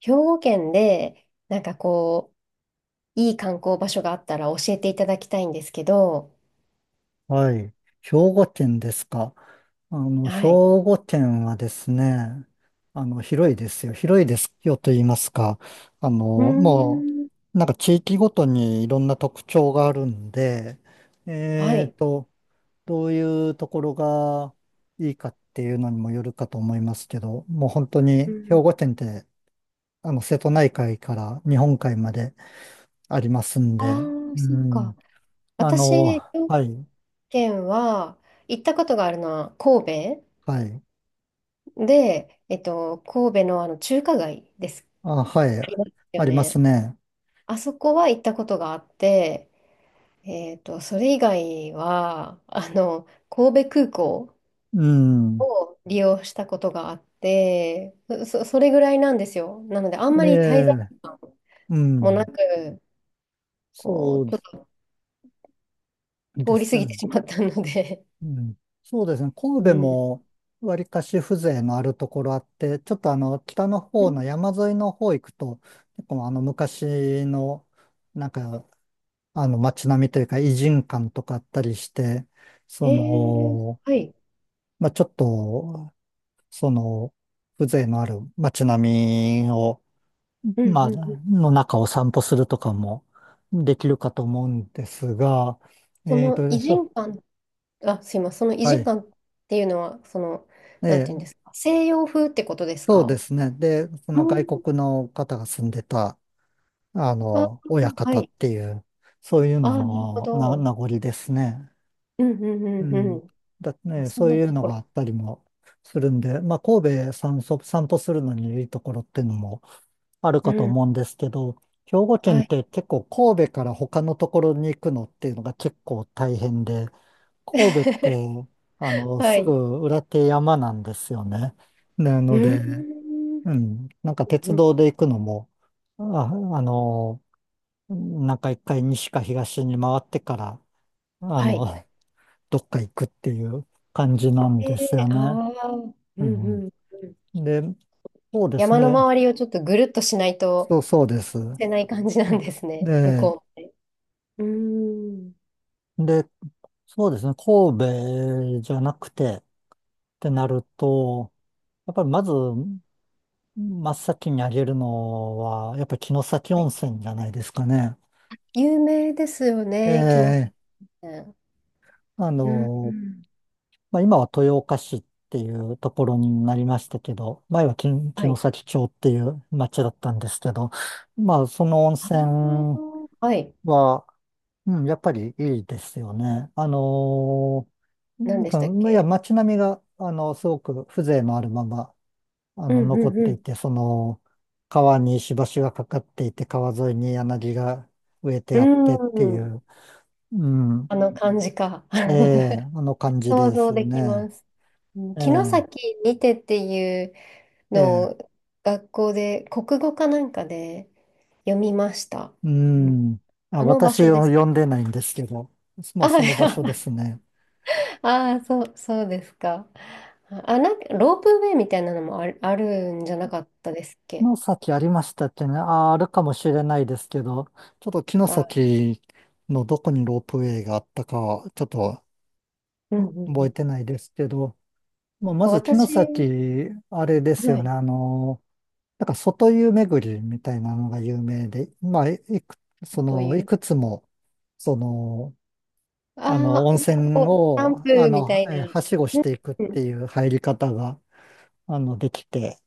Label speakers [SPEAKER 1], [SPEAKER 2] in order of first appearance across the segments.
[SPEAKER 1] 兵庫県で、なんかこう、いい観光場所があったら教えていただきたいんですけど。
[SPEAKER 2] はい。兵庫県ですか。兵
[SPEAKER 1] はい。
[SPEAKER 2] 庫県はですね、広いですよ。広いですよと言いますか。あの、
[SPEAKER 1] うー
[SPEAKER 2] も
[SPEAKER 1] ん。
[SPEAKER 2] なんか地域ごとにいろんな特徴があるんで、
[SPEAKER 1] は
[SPEAKER 2] えー
[SPEAKER 1] い。
[SPEAKER 2] と、どういうところがいいかっていうのにもよるかと思いますけど、もう本当
[SPEAKER 1] う
[SPEAKER 2] に兵
[SPEAKER 1] ん。
[SPEAKER 2] 庫県って、瀬戸内海から日本海までありますん
[SPEAKER 1] あ
[SPEAKER 2] で、
[SPEAKER 1] あ、
[SPEAKER 2] う
[SPEAKER 1] そうか。
[SPEAKER 2] ん、あ
[SPEAKER 1] 私、
[SPEAKER 2] の、
[SPEAKER 1] 兵庫
[SPEAKER 2] はい、
[SPEAKER 1] 県は行ったことがあるのは神
[SPEAKER 2] はい。
[SPEAKER 1] 戸で、神戸のあの中華街です。
[SPEAKER 2] あ、は
[SPEAKER 1] あ
[SPEAKER 2] い。
[SPEAKER 1] ります
[SPEAKER 2] あ
[SPEAKER 1] よ
[SPEAKER 2] りま
[SPEAKER 1] ね。
[SPEAKER 2] すね。
[SPEAKER 1] あそこは行ったことがあって、それ以外は、神戸空港。
[SPEAKER 2] うん。
[SPEAKER 1] 利用したことがあって、それぐらいなんですよ。なので、あん
[SPEAKER 2] え
[SPEAKER 1] まり滞在
[SPEAKER 2] え、
[SPEAKER 1] 時間
[SPEAKER 2] う
[SPEAKER 1] もな
[SPEAKER 2] ん。
[SPEAKER 1] く、
[SPEAKER 2] そ
[SPEAKER 1] こう、
[SPEAKER 2] う
[SPEAKER 1] ちょっと
[SPEAKER 2] で
[SPEAKER 1] 通り過
[SPEAKER 2] す
[SPEAKER 1] ぎて
[SPEAKER 2] ね。
[SPEAKER 1] しまったので。
[SPEAKER 2] うん。そうですね。
[SPEAKER 1] う
[SPEAKER 2] 神戸
[SPEAKER 1] ん。
[SPEAKER 2] も、わりかし風情のあるところあって、ちょっと北の方の山沿いの方行くと、結構昔の、なんか、街並みというか、異人館とかあったりして、そ
[SPEAKER 1] へえ、
[SPEAKER 2] の、
[SPEAKER 1] はい。
[SPEAKER 2] まあ、ちょっと、その、風情のある街並みを、
[SPEAKER 1] うんう
[SPEAKER 2] まあ、
[SPEAKER 1] んうん。
[SPEAKER 2] の中を散歩するとかもできるかと思うんですが、
[SPEAKER 1] そ
[SPEAKER 2] えっ
[SPEAKER 1] の異
[SPEAKER 2] と、ひょ
[SPEAKER 1] 人感、あ、すいません、その異
[SPEAKER 2] は
[SPEAKER 1] 人
[SPEAKER 2] い。
[SPEAKER 1] 感っていうのは、
[SPEAKER 2] え
[SPEAKER 1] なんていうんで
[SPEAKER 2] え、
[SPEAKER 1] すか、西洋風ってことです
[SPEAKER 2] そうで
[SPEAKER 1] か？
[SPEAKER 2] すね。で、そ
[SPEAKER 1] う
[SPEAKER 2] の
[SPEAKER 1] ん。
[SPEAKER 2] 外国の方が住んでた、
[SPEAKER 1] あ、
[SPEAKER 2] 親
[SPEAKER 1] は
[SPEAKER 2] 方っ
[SPEAKER 1] い。
[SPEAKER 2] ていう、そういうの
[SPEAKER 1] あ、なるほ
[SPEAKER 2] のな名
[SPEAKER 1] ど。
[SPEAKER 2] 残ですね。
[SPEAKER 1] うんうん
[SPEAKER 2] う
[SPEAKER 1] うんう
[SPEAKER 2] ん。
[SPEAKER 1] ん。
[SPEAKER 2] だ
[SPEAKER 1] あ、
[SPEAKER 2] ね、
[SPEAKER 1] そん
[SPEAKER 2] そう
[SPEAKER 1] な
[SPEAKER 2] いう
[SPEAKER 1] と
[SPEAKER 2] の
[SPEAKER 1] こ
[SPEAKER 2] があ
[SPEAKER 1] ろ。
[SPEAKER 2] ったりもするんで、まあ、神戸散歩、散歩するのにいいところっていうのもある
[SPEAKER 1] う
[SPEAKER 2] かと
[SPEAKER 1] ん。
[SPEAKER 2] 思うんですけど、兵庫県
[SPEAKER 1] は
[SPEAKER 2] っ
[SPEAKER 1] い。
[SPEAKER 2] て結構神戸から他のところに行くのっていうのが結構大変で、神戸っ て、
[SPEAKER 1] は
[SPEAKER 2] すぐ
[SPEAKER 1] い。
[SPEAKER 2] 裏手山なんですよね。な
[SPEAKER 1] う
[SPEAKER 2] の
[SPEAKER 1] ん。
[SPEAKER 2] で、うん、なんか
[SPEAKER 1] う
[SPEAKER 2] 鉄
[SPEAKER 1] ん。
[SPEAKER 2] 道で行くのも、あ、あの、なんか一回西か東に回ってから、あ
[SPEAKER 1] は
[SPEAKER 2] の、
[SPEAKER 1] い。
[SPEAKER 2] どっか行くっていう感じなん
[SPEAKER 1] え
[SPEAKER 2] ですよ
[SPEAKER 1] ー
[SPEAKER 2] ね。
[SPEAKER 1] ああ。うん
[SPEAKER 2] う
[SPEAKER 1] う
[SPEAKER 2] ん。
[SPEAKER 1] んうん。
[SPEAKER 2] で、そうです
[SPEAKER 1] 山の
[SPEAKER 2] ね。
[SPEAKER 1] 周りをちょっとぐるっとしないと
[SPEAKER 2] そうそうです。
[SPEAKER 1] 捨てない感じなんですね、向
[SPEAKER 2] で、
[SPEAKER 1] こうって。うーん。
[SPEAKER 2] で、そうですね。神戸じゃなくてってなると、やっぱりまず真っ先に挙げるのは、やっぱり城崎
[SPEAKER 1] は
[SPEAKER 2] 温
[SPEAKER 1] い。
[SPEAKER 2] 泉じゃないですかね。
[SPEAKER 1] 有名ですよね、木の
[SPEAKER 2] ええ、
[SPEAKER 1] 先。
[SPEAKER 2] あ
[SPEAKER 1] うん、う
[SPEAKER 2] の、
[SPEAKER 1] ん。
[SPEAKER 2] まあ、今は豊岡市っていうところになりましたけど、前は城
[SPEAKER 1] は
[SPEAKER 2] 城
[SPEAKER 1] い。
[SPEAKER 2] 崎町っていう町だったんですけど、まあ、その温
[SPEAKER 1] う
[SPEAKER 2] 泉
[SPEAKER 1] ん。はいはい。
[SPEAKER 2] は、うん、やっぱりいいですよね。
[SPEAKER 1] 何
[SPEAKER 2] やっ
[SPEAKER 1] でしたっ
[SPEAKER 2] ぱいや、
[SPEAKER 1] け？
[SPEAKER 2] 街並みが、すごく風情のあるまま、
[SPEAKER 1] うん
[SPEAKER 2] 残っ
[SPEAKER 1] う
[SPEAKER 2] てい
[SPEAKER 1] ん
[SPEAKER 2] て、川に石橋がかかっていて、川沿いに柳が植えて
[SPEAKER 1] う
[SPEAKER 2] あって
[SPEAKER 1] ん。
[SPEAKER 2] ってい
[SPEAKER 1] うーん。
[SPEAKER 2] う、うん、
[SPEAKER 1] あの感じか。
[SPEAKER 2] ええ、 あの感じ
[SPEAKER 1] 想
[SPEAKER 2] で
[SPEAKER 1] 像
[SPEAKER 2] す
[SPEAKER 1] できま
[SPEAKER 2] ね。
[SPEAKER 1] す。うん。
[SPEAKER 2] え
[SPEAKER 1] 城
[SPEAKER 2] え、
[SPEAKER 1] 崎にてっていう
[SPEAKER 2] え
[SPEAKER 1] の、
[SPEAKER 2] え、
[SPEAKER 1] 学校で国語かなんかで読みました。
[SPEAKER 2] う
[SPEAKER 1] うん。
[SPEAKER 2] ん。あ、
[SPEAKER 1] あの場所
[SPEAKER 2] 私
[SPEAKER 1] で
[SPEAKER 2] を
[SPEAKER 1] す。
[SPEAKER 2] 呼んでないんですけど、ま
[SPEAKER 1] あ、
[SPEAKER 2] あ
[SPEAKER 1] は
[SPEAKER 2] そ
[SPEAKER 1] い。
[SPEAKER 2] の場所で すね。
[SPEAKER 1] あー、そうですか。あ、なんかロープウェイみたいなのもあるんじゃなかったですっけ？
[SPEAKER 2] 城崎ありましたっけね。あ、あるかもしれないですけど、ちょっと城
[SPEAKER 1] あ、
[SPEAKER 2] 崎のどこにロープウェイがあったかは、ちょっと
[SPEAKER 1] うんうんう
[SPEAKER 2] 覚
[SPEAKER 1] ん。
[SPEAKER 2] えてないですけど、まあ、ま
[SPEAKER 1] か
[SPEAKER 2] ず城
[SPEAKER 1] 私、
[SPEAKER 2] 崎、あれです
[SPEAKER 1] は
[SPEAKER 2] よね。
[SPEAKER 1] い、
[SPEAKER 2] なんか外湯巡りみたいなのが有名で、
[SPEAKER 1] とい
[SPEAKER 2] い
[SPEAKER 1] う。
[SPEAKER 2] くつも、その、
[SPEAKER 1] あ
[SPEAKER 2] 温
[SPEAKER 1] あ、なんか
[SPEAKER 2] 泉
[SPEAKER 1] こう、キャン
[SPEAKER 2] を、
[SPEAKER 1] プみたいな。
[SPEAKER 2] はしごしていくっ
[SPEAKER 1] う
[SPEAKER 2] て
[SPEAKER 1] ん。
[SPEAKER 2] いう入り方が、できて、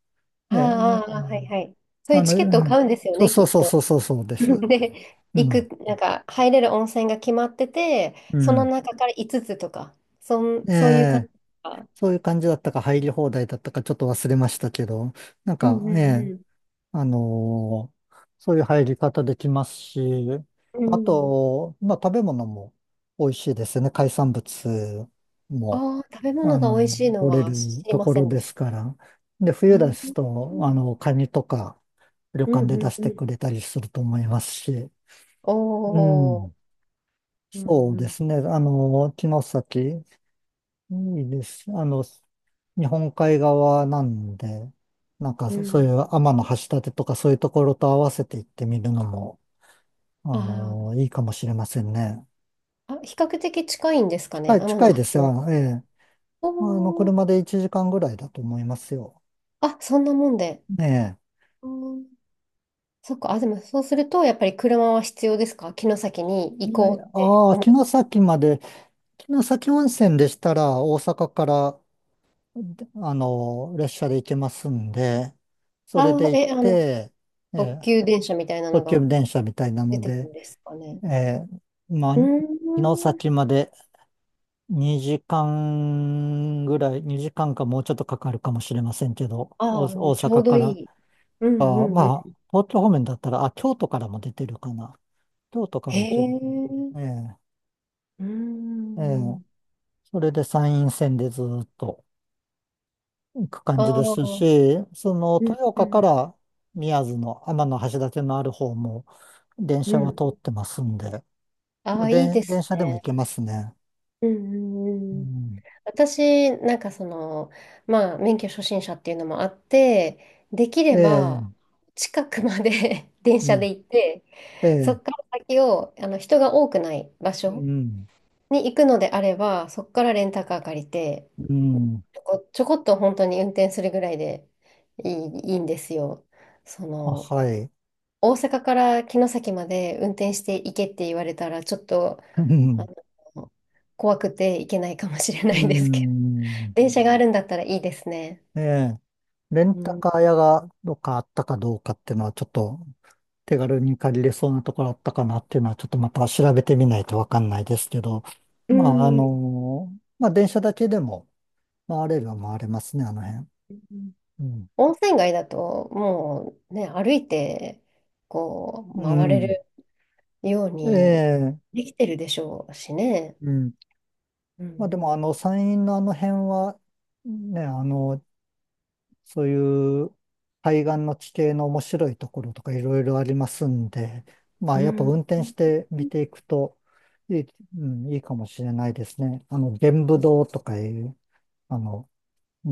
[SPEAKER 2] え
[SPEAKER 1] あー
[SPEAKER 2] ー
[SPEAKER 1] あー、あー、はいはい。そうい
[SPEAKER 2] あ
[SPEAKER 1] う
[SPEAKER 2] の、
[SPEAKER 1] チ
[SPEAKER 2] う
[SPEAKER 1] ケットを買
[SPEAKER 2] ん
[SPEAKER 1] うんですよ
[SPEAKER 2] そう
[SPEAKER 1] ね、
[SPEAKER 2] そ
[SPEAKER 1] き
[SPEAKER 2] う
[SPEAKER 1] っ
[SPEAKER 2] そう
[SPEAKER 1] と。
[SPEAKER 2] そうそうそうで す。
[SPEAKER 1] で、
[SPEAKER 2] う
[SPEAKER 1] 行く、
[SPEAKER 2] ん。
[SPEAKER 1] なんか入れる温泉が決まってて、
[SPEAKER 2] う
[SPEAKER 1] その
[SPEAKER 2] ん。
[SPEAKER 1] 中から5つとか、
[SPEAKER 2] え
[SPEAKER 1] そういう感じ
[SPEAKER 2] え、
[SPEAKER 1] とか。
[SPEAKER 2] そういう感じだったか入り放題だったかちょっと忘れましたけど、なん
[SPEAKER 1] う
[SPEAKER 2] か、
[SPEAKER 1] んう
[SPEAKER 2] ええ、
[SPEAKER 1] ん
[SPEAKER 2] あのーそういう入り方できますし、
[SPEAKER 1] うん。
[SPEAKER 2] あ
[SPEAKER 1] うん。
[SPEAKER 2] と、まあ食べ物も美味しいですよね。海産物も、
[SPEAKER 1] ああ、食べ
[SPEAKER 2] あ
[SPEAKER 1] 物が
[SPEAKER 2] の、
[SPEAKER 1] 美味しいの
[SPEAKER 2] 取れ
[SPEAKER 1] は知
[SPEAKER 2] る
[SPEAKER 1] り
[SPEAKER 2] と
[SPEAKER 1] ま
[SPEAKER 2] こ
[SPEAKER 1] せ
[SPEAKER 2] ろ
[SPEAKER 1] んで
[SPEAKER 2] で
[SPEAKER 1] し
[SPEAKER 2] すから。で、
[SPEAKER 1] た。
[SPEAKER 2] 冬で
[SPEAKER 1] う
[SPEAKER 2] す
[SPEAKER 1] ん
[SPEAKER 2] と、カニとか旅
[SPEAKER 1] うんう
[SPEAKER 2] 館で
[SPEAKER 1] ん
[SPEAKER 2] 出し
[SPEAKER 1] う
[SPEAKER 2] てく
[SPEAKER 1] ん。
[SPEAKER 2] れたりすると思いますし、
[SPEAKER 1] お
[SPEAKER 2] う
[SPEAKER 1] お。
[SPEAKER 2] ん。
[SPEAKER 1] うん
[SPEAKER 2] そう
[SPEAKER 1] う
[SPEAKER 2] で
[SPEAKER 1] ん
[SPEAKER 2] すね。城崎、いいです。日本海側なんで、なんか
[SPEAKER 1] う
[SPEAKER 2] そそうい
[SPEAKER 1] ん。
[SPEAKER 2] う天橋立とかそういうところと合わせて行ってみるのも、
[SPEAKER 1] あー
[SPEAKER 2] いいかもしれませんね。
[SPEAKER 1] あ、比較的近いんですかね、
[SPEAKER 2] 近い、
[SPEAKER 1] 天
[SPEAKER 2] 近
[SPEAKER 1] 橋
[SPEAKER 2] いです
[SPEAKER 1] 立。
[SPEAKER 2] よ。ええ。
[SPEAKER 1] おお。
[SPEAKER 2] 車で1時間ぐらいだと思いますよ。
[SPEAKER 1] あ、そんなもんで。
[SPEAKER 2] ええ。
[SPEAKER 1] うん。そっか。あ、でもそうすると、やっぱり車は必要ですか？城崎に行こうって。
[SPEAKER 2] ああー、城崎まで、城崎温泉でしたら大阪からであの、列車で行けますんで、それ
[SPEAKER 1] あ
[SPEAKER 2] で
[SPEAKER 1] あ、
[SPEAKER 2] 行っ
[SPEAKER 1] え、
[SPEAKER 2] て、え
[SPEAKER 1] 特
[SPEAKER 2] ー
[SPEAKER 1] 急電車みたいなの
[SPEAKER 2] 特
[SPEAKER 1] が
[SPEAKER 2] 急電車みたいな
[SPEAKER 1] 出
[SPEAKER 2] の
[SPEAKER 1] てる
[SPEAKER 2] で、
[SPEAKER 1] んですかね。
[SPEAKER 2] えまあ、
[SPEAKER 1] うー
[SPEAKER 2] 城
[SPEAKER 1] ん。
[SPEAKER 2] 崎まで2時間ぐらい、2時間かもうちょっとかかるかもしれませんけど、
[SPEAKER 1] あ
[SPEAKER 2] 大
[SPEAKER 1] あ、ちょう
[SPEAKER 2] 阪
[SPEAKER 1] ど
[SPEAKER 2] か
[SPEAKER 1] い
[SPEAKER 2] ら、
[SPEAKER 1] い。うんう
[SPEAKER 2] あー、
[SPEAKER 1] ん
[SPEAKER 2] ま
[SPEAKER 1] う
[SPEAKER 2] あ、
[SPEAKER 1] ん。
[SPEAKER 2] 東京方面だったら、あ、京都からも出てるかな。京都から
[SPEAKER 1] へ
[SPEAKER 2] 行けるか
[SPEAKER 1] え。
[SPEAKER 2] な。
[SPEAKER 1] うー
[SPEAKER 2] ーえー
[SPEAKER 1] ん。
[SPEAKER 2] それで山陰線でずーっと。く感
[SPEAKER 1] あ
[SPEAKER 2] じですし、
[SPEAKER 1] あ、
[SPEAKER 2] その
[SPEAKER 1] うん
[SPEAKER 2] 豊
[SPEAKER 1] う
[SPEAKER 2] 岡か
[SPEAKER 1] ん
[SPEAKER 2] ら宮津の天橋立のある方も電
[SPEAKER 1] う
[SPEAKER 2] 車は
[SPEAKER 1] ん。
[SPEAKER 2] 通ってますんで、
[SPEAKER 1] あ
[SPEAKER 2] もう
[SPEAKER 1] あ、いい
[SPEAKER 2] で
[SPEAKER 1] で
[SPEAKER 2] 電
[SPEAKER 1] す
[SPEAKER 2] 車でも行
[SPEAKER 1] ね。
[SPEAKER 2] けますね。
[SPEAKER 1] うんう
[SPEAKER 2] う
[SPEAKER 1] んうん。
[SPEAKER 2] ん、
[SPEAKER 1] 私、なんかまあ、免許初心者っていうのもあって、できれ
[SPEAKER 2] え
[SPEAKER 1] ば、
[SPEAKER 2] え、
[SPEAKER 1] 近くまで 電
[SPEAKER 2] う
[SPEAKER 1] 車で
[SPEAKER 2] ん、
[SPEAKER 1] 行って、
[SPEAKER 2] え
[SPEAKER 1] そ
[SPEAKER 2] え、
[SPEAKER 1] こから先を、人が多くない場
[SPEAKER 2] う
[SPEAKER 1] 所
[SPEAKER 2] ん、
[SPEAKER 1] に行くのであれば、そこからレンタカー借りて、
[SPEAKER 2] うん、
[SPEAKER 1] ちょこっと本当に運転するぐらいでいいんですよ。そ
[SPEAKER 2] あ、
[SPEAKER 1] の、
[SPEAKER 2] はい。
[SPEAKER 1] 大阪から城崎まで運転して行けって言われたら、ちょっと、
[SPEAKER 2] う
[SPEAKER 1] あ
[SPEAKER 2] ん、
[SPEAKER 1] の、怖くて行けないかもしれな
[SPEAKER 2] う
[SPEAKER 1] いですけど、
[SPEAKER 2] ん、
[SPEAKER 1] 電車があるんだったらいいですね。
[SPEAKER 2] ええ、レン
[SPEAKER 1] う
[SPEAKER 2] タ
[SPEAKER 1] ん。
[SPEAKER 2] カー屋がどっかあったかどうかっていうのはちょっと手軽に借りれそうなところあったかなっていうのは、ちょっとまた調べてみないとわかんないですけど、
[SPEAKER 1] う
[SPEAKER 2] まあ、
[SPEAKER 1] ん。
[SPEAKER 2] まあ、電車だけでも回れるは回れますね、あの辺。うん。
[SPEAKER 1] 温泉街だと、もうね、歩いて、こう、
[SPEAKER 2] う
[SPEAKER 1] 回れるよう
[SPEAKER 2] ん。え
[SPEAKER 1] に
[SPEAKER 2] え、
[SPEAKER 1] できてるでしょうしね。
[SPEAKER 2] うん。
[SPEAKER 1] うんう
[SPEAKER 2] まあ、でも、
[SPEAKER 1] ん
[SPEAKER 2] 山陰のあの辺は、ね、そういう海岸の地形の面白いところとかいろいろありますんで、ま
[SPEAKER 1] う
[SPEAKER 2] あ、やっぱ運
[SPEAKER 1] ん。
[SPEAKER 2] 転して見ていくといい、うん、いいかもしれないですね。玄武洞とかいう、あの、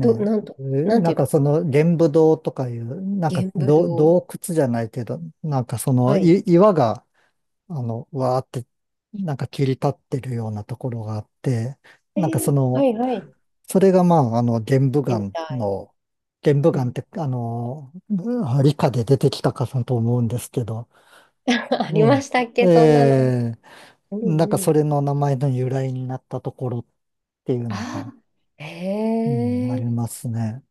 [SPEAKER 1] ど、なんと、
[SPEAKER 2] え、
[SPEAKER 1] なん
[SPEAKER 2] な
[SPEAKER 1] てい
[SPEAKER 2] ん
[SPEAKER 1] うと、
[SPEAKER 2] かその玄武洞とかいう、
[SPEAKER 1] 玄武洞。
[SPEAKER 2] 洞窟じゃないけど、なんかそ
[SPEAKER 1] は
[SPEAKER 2] の
[SPEAKER 1] い。
[SPEAKER 2] い岩が、わーって、なんか切り立ってるようなところがあって、なんかそ
[SPEAKER 1] は
[SPEAKER 2] の、
[SPEAKER 1] いはい。行っ
[SPEAKER 2] それがまあ、玄武
[SPEAKER 1] てみ
[SPEAKER 2] 岩
[SPEAKER 1] たい。
[SPEAKER 2] の、玄武
[SPEAKER 1] う
[SPEAKER 2] 岩っ
[SPEAKER 1] ん。
[SPEAKER 2] て、理科で出てきたかと思うんですけど、
[SPEAKER 1] ありま
[SPEAKER 2] ね
[SPEAKER 1] したっけ、そんなの。
[SPEAKER 2] えー
[SPEAKER 1] うん
[SPEAKER 2] なんか
[SPEAKER 1] う
[SPEAKER 2] そ
[SPEAKER 1] ん。
[SPEAKER 2] れの名前の由来になったところっていうの
[SPEAKER 1] あ
[SPEAKER 2] も、
[SPEAKER 1] あ、
[SPEAKER 2] うん、あ
[SPEAKER 1] へえ。
[SPEAKER 2] りますね。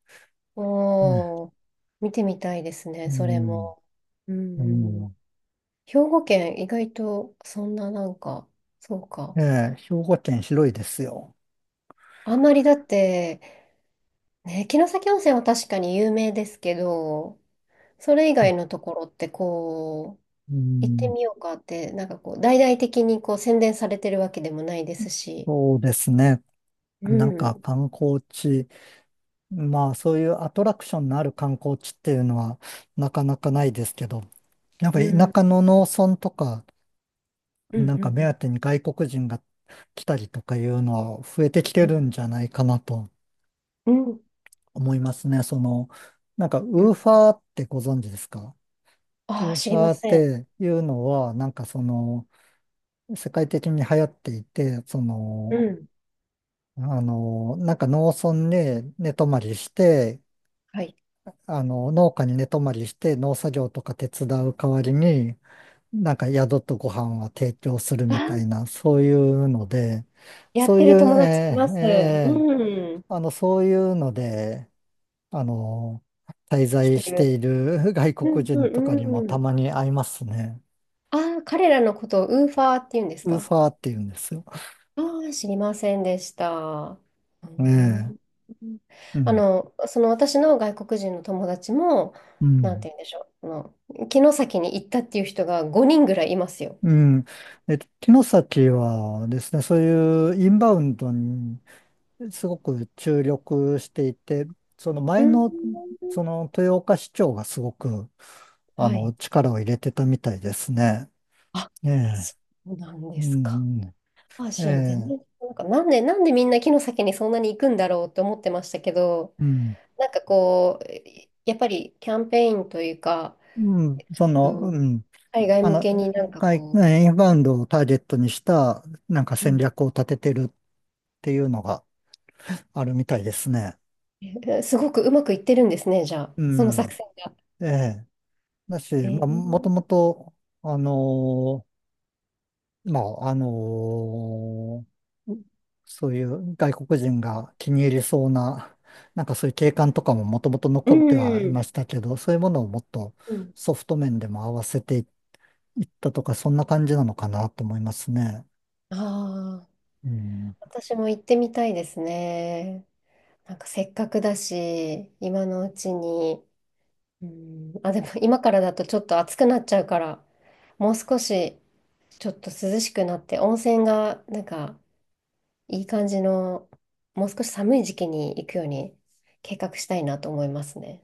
[SPEAKER 2] ね。
[SPEAKER 1] おー、見てみたいです
[SPEAKER 2] う
[SPEAKER 1] ね、それ
[SPEAKER 2] ん、
[SPEAKER 1] も。う
[SPEAKER 2] う
[SPEAKER 1] んうん。
[SPEAKER 2] ん。
[SPEAKER 1] 兵庫県、意外とそんななんか、そう
[SPEAKER 2] え
[SPEAKER 1] か。
[SPEAKER 2] え、兵庫県広いですよ。
[SPEAKER 1] あんまりだって、ね、城崎温泉は確かに有名ですけど、それ以外のところって
[SPEAKER 2] う
[SPEAKER 1] 行って
[SPEAKER 2] ん、
[SPEAKER 1] みようかって、なんかこう、大々的にこう宣伝されてるわけでもないですし。
[SPEAKER 2] そうですね。
[SPEAKER 1] う
[SPEAKER 2] なんか
[SPEAKER 1] ん、
[SPEAKER 2] 観光地、まあそういうアトラクションのある観光地っていうのはなかなかないですけど、なんか
[SPEAKER 1] うん、うん、
[SPEAKER 2] 田舎の農村とか、
[SPEAKER 1] う
[SPEAKER 2] なんか
[SPEAKER 1] ん、
[SPEAKER 2] 目当てに外国人が来たりとかいうのは増えてきて
[SPEAKER 1] う
[SPEAKER 2] る
[SPEAKER 1] ん。
[SPEAKER 2] んじゃないかなと
[SPEAKER 1] うん、
[SPEAKER 2] 思いますね。その、なんか
[SPEAKER 1] う
[SPEAKER 2] ウ
[SPEAKER 1] ん。
[SPEAKER 2] ーファーってご存知ですか？
[SPEAKER 1] あ
[SPEAKER 2] ウ
[SPEAKER 1] あ、
[SPEAKER 2] ー
[SPEAKER 1] 知
[SPEAKER 2] フ
[SPEAKER 1] りま
[SPEAKER 2] ァーっ
[SPEAKER 1] せん。
[SPEAKER 2] ていうのは、なんかその、世界的に流行っていて、そ
[SPEAKER 1] う
[SPEAKER 2] の、
[SPEAKER 1] ん、
[SPEAKER 2] なんか農村で寝泊まりして、
[SPEAKER 1] はい。
[SPEAKER 2] 農家に寝泊まりして農作業とか手伝う代わりに、なんか宿とご飯は提供する
[SPEAKER 1] あ
[SPEAKER 2] みたい
[SPEAKER 1] あ、
[SPEAKER 2] な、そういうので、
[SPEAKER 1] やっ
[SPEAKER 2] そう
[SPEAKER 1] て
[SPEAKER 2] いう、
[SPEAKER 1] る友達い
[SPEAKER 2] え
[SPEAKER 1] ます。
[SPEAKER 2] ーえ
[SPEAKER 1] うん、
[SPEAKER 2] ーそういうので、あの、滞
[SPEAKER 1] 来
[SPEAKER 2] 在
[SPEAKER 1] て
[SPEAKER 2] して
[SPEAKER 1] る。
[SPEAKER 2] いる 外
[SPEAKER 1] う
[SPEAKER 2] 国
[SPEAKER 1] ん、う
[SPEAKER 2] 人とかにも
[SPEAKER 1] ん、う
[SPEAKER 2] た
[SPEAKER 1] ん。
[SPEAKER 2] まに会いますね。
[SPEAKER 1] ああ、彼らのことをウーファーって言うんです
[SPEAKER 2] ウー
[SPEAKER 1] か？
[SPEAKER 2] ファーって言うんですよ。
[SPEAKER 1] ああ、知りませんでした。う
[SPEAKER 2] え
[SPEAKER 1] ん。
[SPEAKER 2] え、う
[SPEAKER 1] あ
[SPEAKER 2] ん。
[SPEAKER 1] の、私の外国人の友達も、
[SPEAKER 2] う
[SPEAKER 1] なん
[SPEAKER 2] ん。
[SPEAKER 1] て言うんでしょう、城崎に行ったっていう人が5人ぐらいいますよ。
[SPEAKER 2] うん。えっと、城崎はですね、そういうインバウンドにすごく注力していて、その
[SPEAKER 1] う
[SPEAKER 2] 前
[SPEAKER 1] ん。
[SPEAKER 2] の、その豊岡市長がすごく、
[SPEAKER 1] はい。
[SPEAKER 2] 力を入れてたみたいですね。
[SPEAKER 1] あ、
[SPEAKER 2] ええ。
[SPEAKER 1] そうなん
[SPEAKER 2] う
[SPEAKER 1] ですか。
[SPEAKER 2] ん、う
[SPEAKER 1] あ、
[SPEAKER 2] ん。え
[SPEAKER 1] 全然、
[SPEAKER 2] え。
[SPEAKER 1] なんか、なんでみんな城崎にそんなに行くんだろうって思ってましたけど、
[SPEAKER 2] うん。
[SPEAKER 1] なんかこう、やっぱりキャンペーンというか、
[SPEAKER 2] うん。そ
[SPEAKER 1] う
[SPEAKER 2] の、
[SPEAKER 1] ん、
[SPEAKER 2] うん。
[SPEAKER 1] 海外
[SPEAKER 2] あ
[SPEAKER 1] 向
[SPEAKER 2] の、
[SPEAKER 1] けになんか
[SPEAKER 2] 外
[SPEAKER 1] こ
[SPEAKER 2] インバウンドをターゲットにした、なんか戦
[SPEAKER 1] う、
[SPEAKER 2] 略を立ててるっていうのがあるみたいですね。
[SPEAKER 1] えすごくうまくいってるんですね、じゃあ、
[SPEAKER 2] う
[SPEAKER 1] その作
[SPEAKER 2] ん。
[SPEAKER 1] 戦が。
[SPEAKER 2] ええ。だし、
[SPEAKER 1] え
[SPEAKER 2] まあ、もとも
[SPEAKER 1] ー、
[SPEAKER 2] と、あのまあ、ーそういう外国人が気に入りそうな、なんかそういう景観とかももともと
[SPEAKER 1] う
[SPEAKER 2] 残ってはいま
[SPEAKER 1] ん。
[SPEAKER 2] したけど、そういうものをもっと
[SPEAKER 1] うん。
[SPEAKER 2] ソフト面でも合わせていったとか、そんな感じなのかなと思いますね。
[SPEAKER 1] ああ、
[SPEAKER 2] うん
[SPEAKER 1] 私も行ってみたいですね。なんかせっかくだし、今のうちに。うん、あ、でも今からだとちょっと暑くなっちゃうから、もう少しちょっと涼しくなって、温泉がなんかいい感じの、もう少し寒い時期に行くように計画したいなと思いますね。